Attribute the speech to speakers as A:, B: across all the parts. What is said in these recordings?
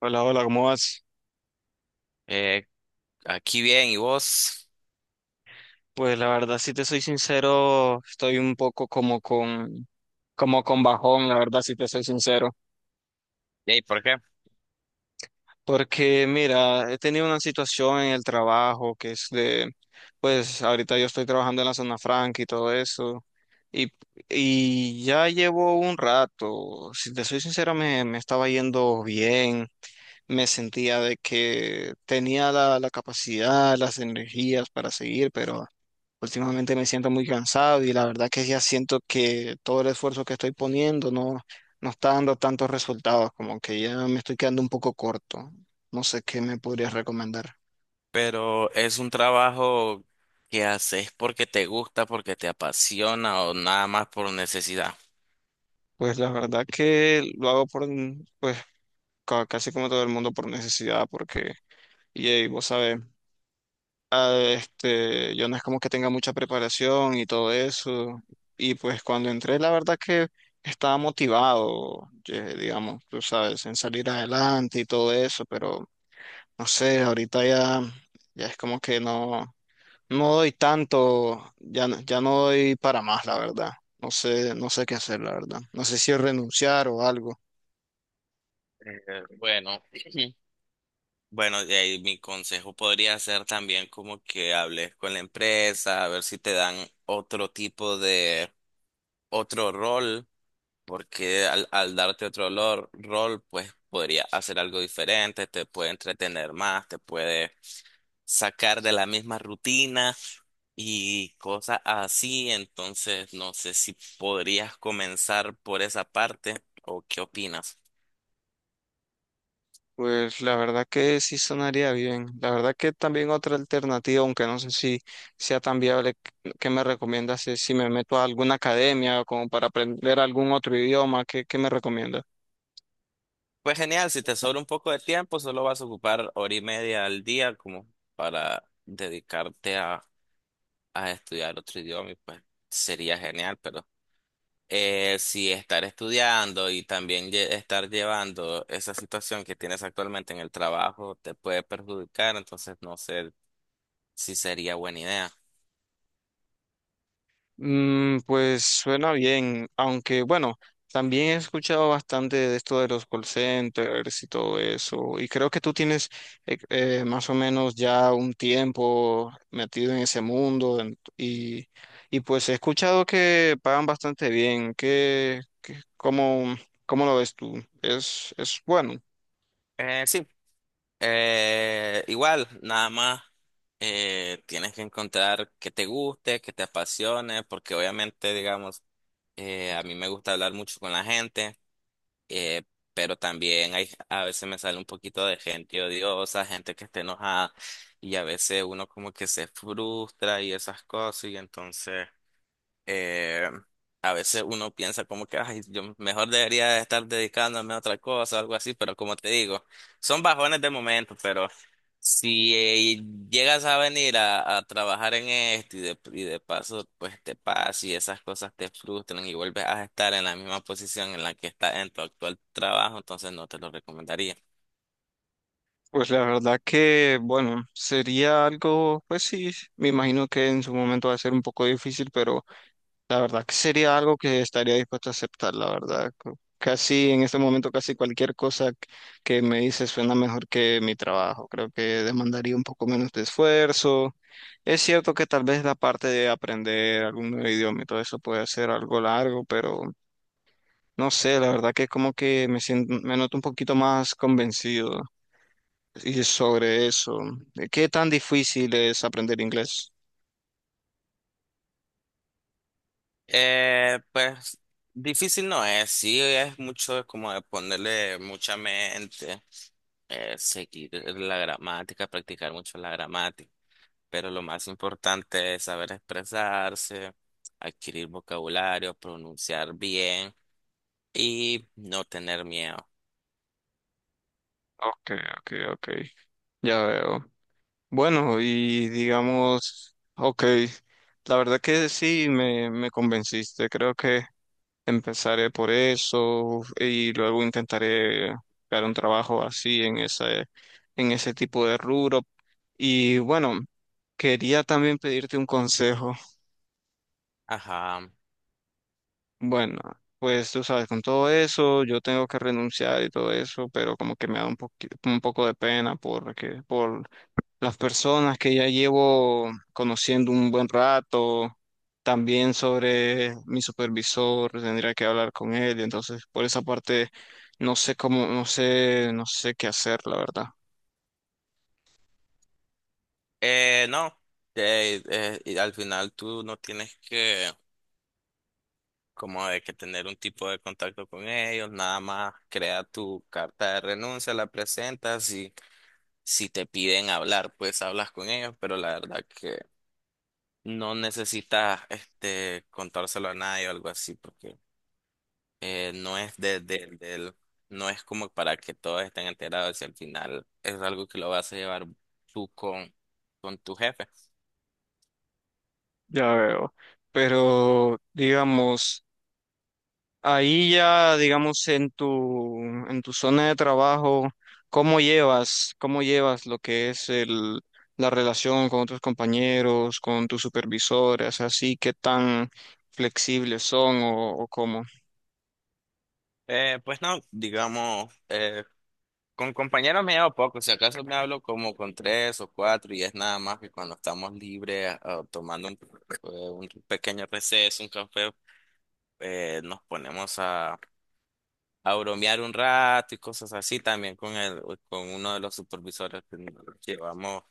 A: Hola, hola, ¿cómo vas?
B: Eh, Aquí bien, ¿y vos?
A: Pues la verdad, si te soy sincero, estoy un poco como con bajón, la verdad, si te soy sincero.
B: ¿Y por qué?
A: Porque mira, he tenido una situación en el trabajo que es de, pues ahorita yo estoy trabajando en la zona franca y todo eso. Y, y ya llevo un rato, si te soy sincero, me estaba yendo bien. Me sentía de que tenía la capacidad, las energías para seguir, pero últimamente me siento muy cansado y la verdad que ya siento que todo el esfuerzo que estoy poniendo no está dando tantos resultados, como que ya me estoy quedando un poco corto. No sé qué me podrías recomendar.
B: Pero es un trabajo que haces porque te gusta, porque te apasiona o nada más por necesidad.
A: Pues la verdad que lo hago por, pues casi como todo el mundo por necesidad, porque, y vos sabes, yo no es como que tenga mucha preparación y todo eso. Y pues cuando entré, la verdad que estaba motivado, digamos, tú sabes, en salir adelante y todo eso, pero no sé, ahorita ya, ya es como que no, no doy tanto, ya, ya no doy para más, la verdad. No sé, no sé qué hacer, la verdad. No sé si renunciar o algo.
B: Eh, bueno. Bueno, de ahí mi consejo podría ser también como que hables con la empresa, a ver si te dan otro tipo de, otro rol, porque al darte otro rol, pues podría hacer algo diferente, te puede entretener más, te puede sacar de la misma rutina y cosas así. Entonces, no sé si podrías comenzar por esa parte o qué opinas.
A: Pues la verdad que sí sonaría bien. La verdad que también otra alternativa, aunque no sé si sea tan viable, ¿qué me recomiendas? Si me meto a alguna academia o como para aprender algún otro idioma, ¿qué me recomiendas?
B: Pues genial, si te sobra un poco de tiempo, solo vas a ocupar hora y media al día como para dedicarte a estudiar otro idioma y pues sería genial, pero si estar estudiando y también estar llevando esa situación que tienes actualmente en el trabajo te puede perjudicar, entonces no sé si sería buena idea.
A: Mm, pues suena bien, aunque bueno, también he escuchado bastante de esto de los call centers y todo eso, y creo que tú tienes más o menos ya un tiempo metido en ese mundo y pues he escuchado que pagan bastante bien, que cómo lo ves tú? Es bueno?
B: Sí, igual, nada más tienes que encontrar que te guste, que te apasione, porque obviamente, digamos, a mí me gusta hablar mucho con la gente, eh, pero también hay, a veces me sale un poquito de gente odiosa, gente que está enojada y a veces uno como que se frustra y esas cosas y entonces eh, a veces uno piensa como que, ay, yo mejor debería estar dedicándome a otra cosa, algo así, pero como te digo, son bajones de momento, pero si llegas a venir a trabajar en esto y de paso, pues te pasa y esas cosas te frustran y vuelves a estar en la misma posición en la que estás en tu actual trabajo, entonces no te lo recomendaría.
A: Pues la verdad que, bueno, sería algo, pues sí, me imagino que en su momento va a ser un poco difícil, pero la verdad que sería algo que estaría dispuesto a aceptar, la verdad. Casi en este momento, casi cualquier cosa que me dice suena mejor que mi trabajo. Creo que demandaría un poco menos de esfuerzo. Es cierto que tal vez la parte de aprender algún nuevo idioma y todo eso puede ser algo largo, pero no sé, la verdad que como que me siento, me noto un poquito más convencido y sobre eso. ¿Qué tan difícil es aprender inglés?
B: Pues difícil no es, sí, es mucho como de ponerle mucha mente, seguir la gramática, practicar mucho la gramática, pero lo más importante es saber expresarse, adquirir vocabulario, pronunciar bien y no tener miedo.
A: Ok, ok, ok. Ya veo. Bueno, y digamos, ok, la verdad que sí, me convenciste. Creo que empezaré por eso y luego intentaré buscar un trabajo así en ese tipo de rubro. Y bueno, quería también pedirte un consejo.
B: Ajá.
A: Bueno, pues tú sabes, con todo eso, yo tengo que renunciar y todo eso, pero como que me da un un poco de pena porque, por las personas que ya llevo conociendo un buen rato, también sobre mi supervisor, tendría que hablar con él, y entonces por esa parte no sé cómo, no sé, no sé qué hacer, la verdad.
B: No, y al final tú no tienes que como de que tener un tipo de contacto con ellos, nada más crea tu carta de renuncia, la presentas y si te piden hablar, pues hablas con ellos, pero la verdad que no necesitas este contárselo a nadie o algo así, porque no es de, no es como para que todos estén enterados y al final es algo que lo vas a llevar tú con tu jefe.
A: Ya veo. Pero digamos, ahí ya, digamos, en tu zona de trabajo, cómo llevas lo que es el, la relación con tus compañeros, con tus supervisores, así, qué tan flexibles son o cómo?
B: Pues no, digamos, con compañeros me llevo poco, si acaso me hablo como con tres o cuatro y es nada más que cuando estamos libres, ah, tomando un pequeño receso, un café, nos ponemos a bromear un rato y cosas así también con el, con uno de los supervisores que llevamos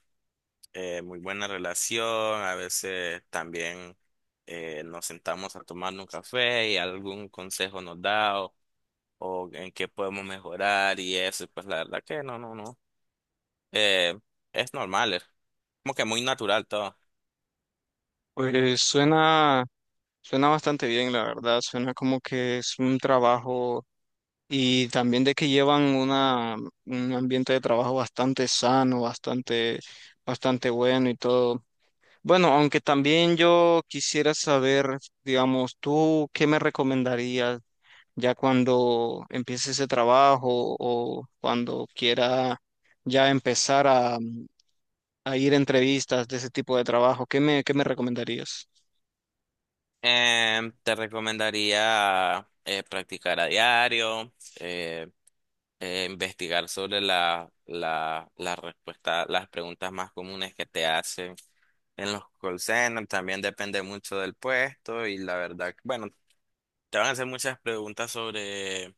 B: muy buena relación, a veces también nos sentamos a tomar un café y algún consejo nos da o en qué podemos mejorar y eso, pues la verdad que no, no, no. Eh, es normal, es como que muy natural todo.
A: Pues suena, suena bastante bien, la verdad, suena como que es un trabajo y también de que llevan una, un ambiente de trabajo bastante sano, bastante, bastante bueno y todo. Bueno, aunque también yo quisiera saber, digamos, tú qué me recomendarías ya cuando empiece ese trabajo o cuando quiera ya empezar a ir a entrevistas de ese tipo de trabajo, ¿qué me recomendarías?
B: Te recomendaría practicar a diario, eh, investigar sobre la respuesta, las preguntas más comunes que te hacen en los call centers. También depende mucho del puesto y la verdad, que, bueno, te van a hacer muchas preguntas sobre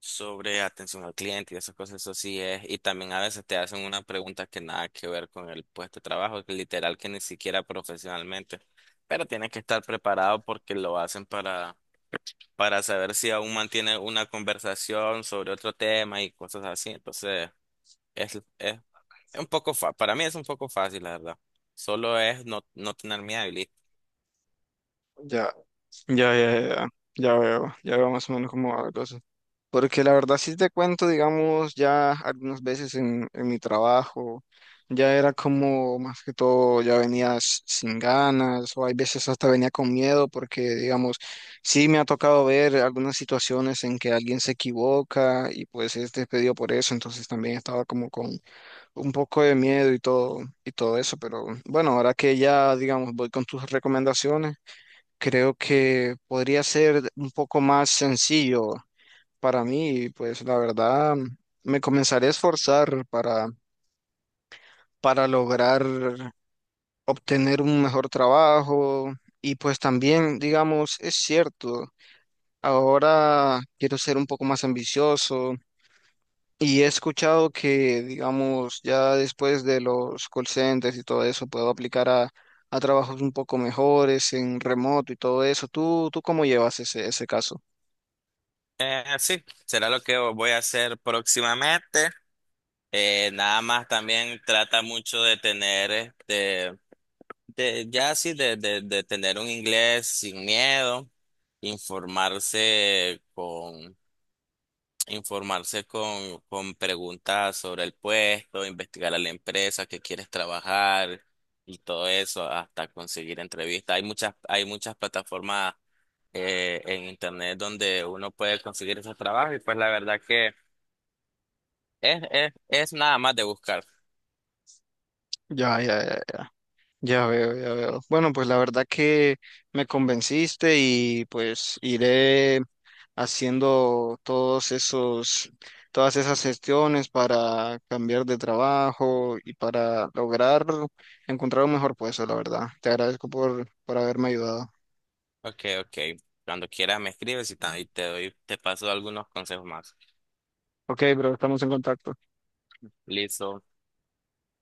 B: sobre atención al cliente y esas cosas, eso sí es. Y también a veces te hacen una pregunta que nada que ver con el puesto de trabajo, que literal que ni siquiera profesionalmente. Pero tienes que estar preparado porque lo hacen para saber si aún mantiene una conversación sobre otro tema y cosas así. Entonces, es, es, es un poco fa para mí es un poco fácil, la verdad. Solo es no, no tener miedo y listo.
A: Ya. Ya, ya, ya, ya veo más o menos cómo va la cosa. Porque la verdad sí te cuento, digamos, ya algunas veces en mi trabajo, ya era como más que todo, ya venías sin ganas o hay veces hasta venía con miedo porque, digamos, sí me ha tocado ver algunas situaciones en que alguien se equivoca y pues es despedido por eso, entonces también estaba como con un poco de miedo y todo eso, pero bueno, ahora que ya, digamos, voy con tus recomendaciones. Creo que podría ser un poco más sencillo para mí, y pues la verdad me comenzaré a esforzar para lograr obtener un mejor trabajo y pues también, digamos, es cierto, ahora quiero ser un poco más ambicioso y he escuchado que, digamos, ya después de los call centers y todo eso, puedo aplicar a trabajos un poco mejores en remoto y todo eso. ¿Tú cómo llevas ese caso?
B: Sí, será lo que voy a hacer próximamente. Nada más también trata mucho de tener, este, de, ya sí, de tener un inglés sin miedo, informarse con, informarse con preguntas sobre el puesto, investigar a la empresa que quieres trabajar y todo eso hasta conseguir entrevistas. Hay muchas plataformas en internet donde uno puede conseguir esos trabajos y pues la verdad que es nada más de buscar.
A: Ya, ya, ya ya veo, ya veo. Bueno, pues la verdad que me convenciste y pues iré haciendo todos esos, todas esas gestiones para cambiar de trabajo y para lograr encontrar un mejor puesto, la verdad. Te agradezco por haberme ayudado.
B: Ok, ok. Cuando quieras me escribes y y te doy, te paso algunos consejos más.
A: Ok, bro, estamos en contacto.
B: Listo.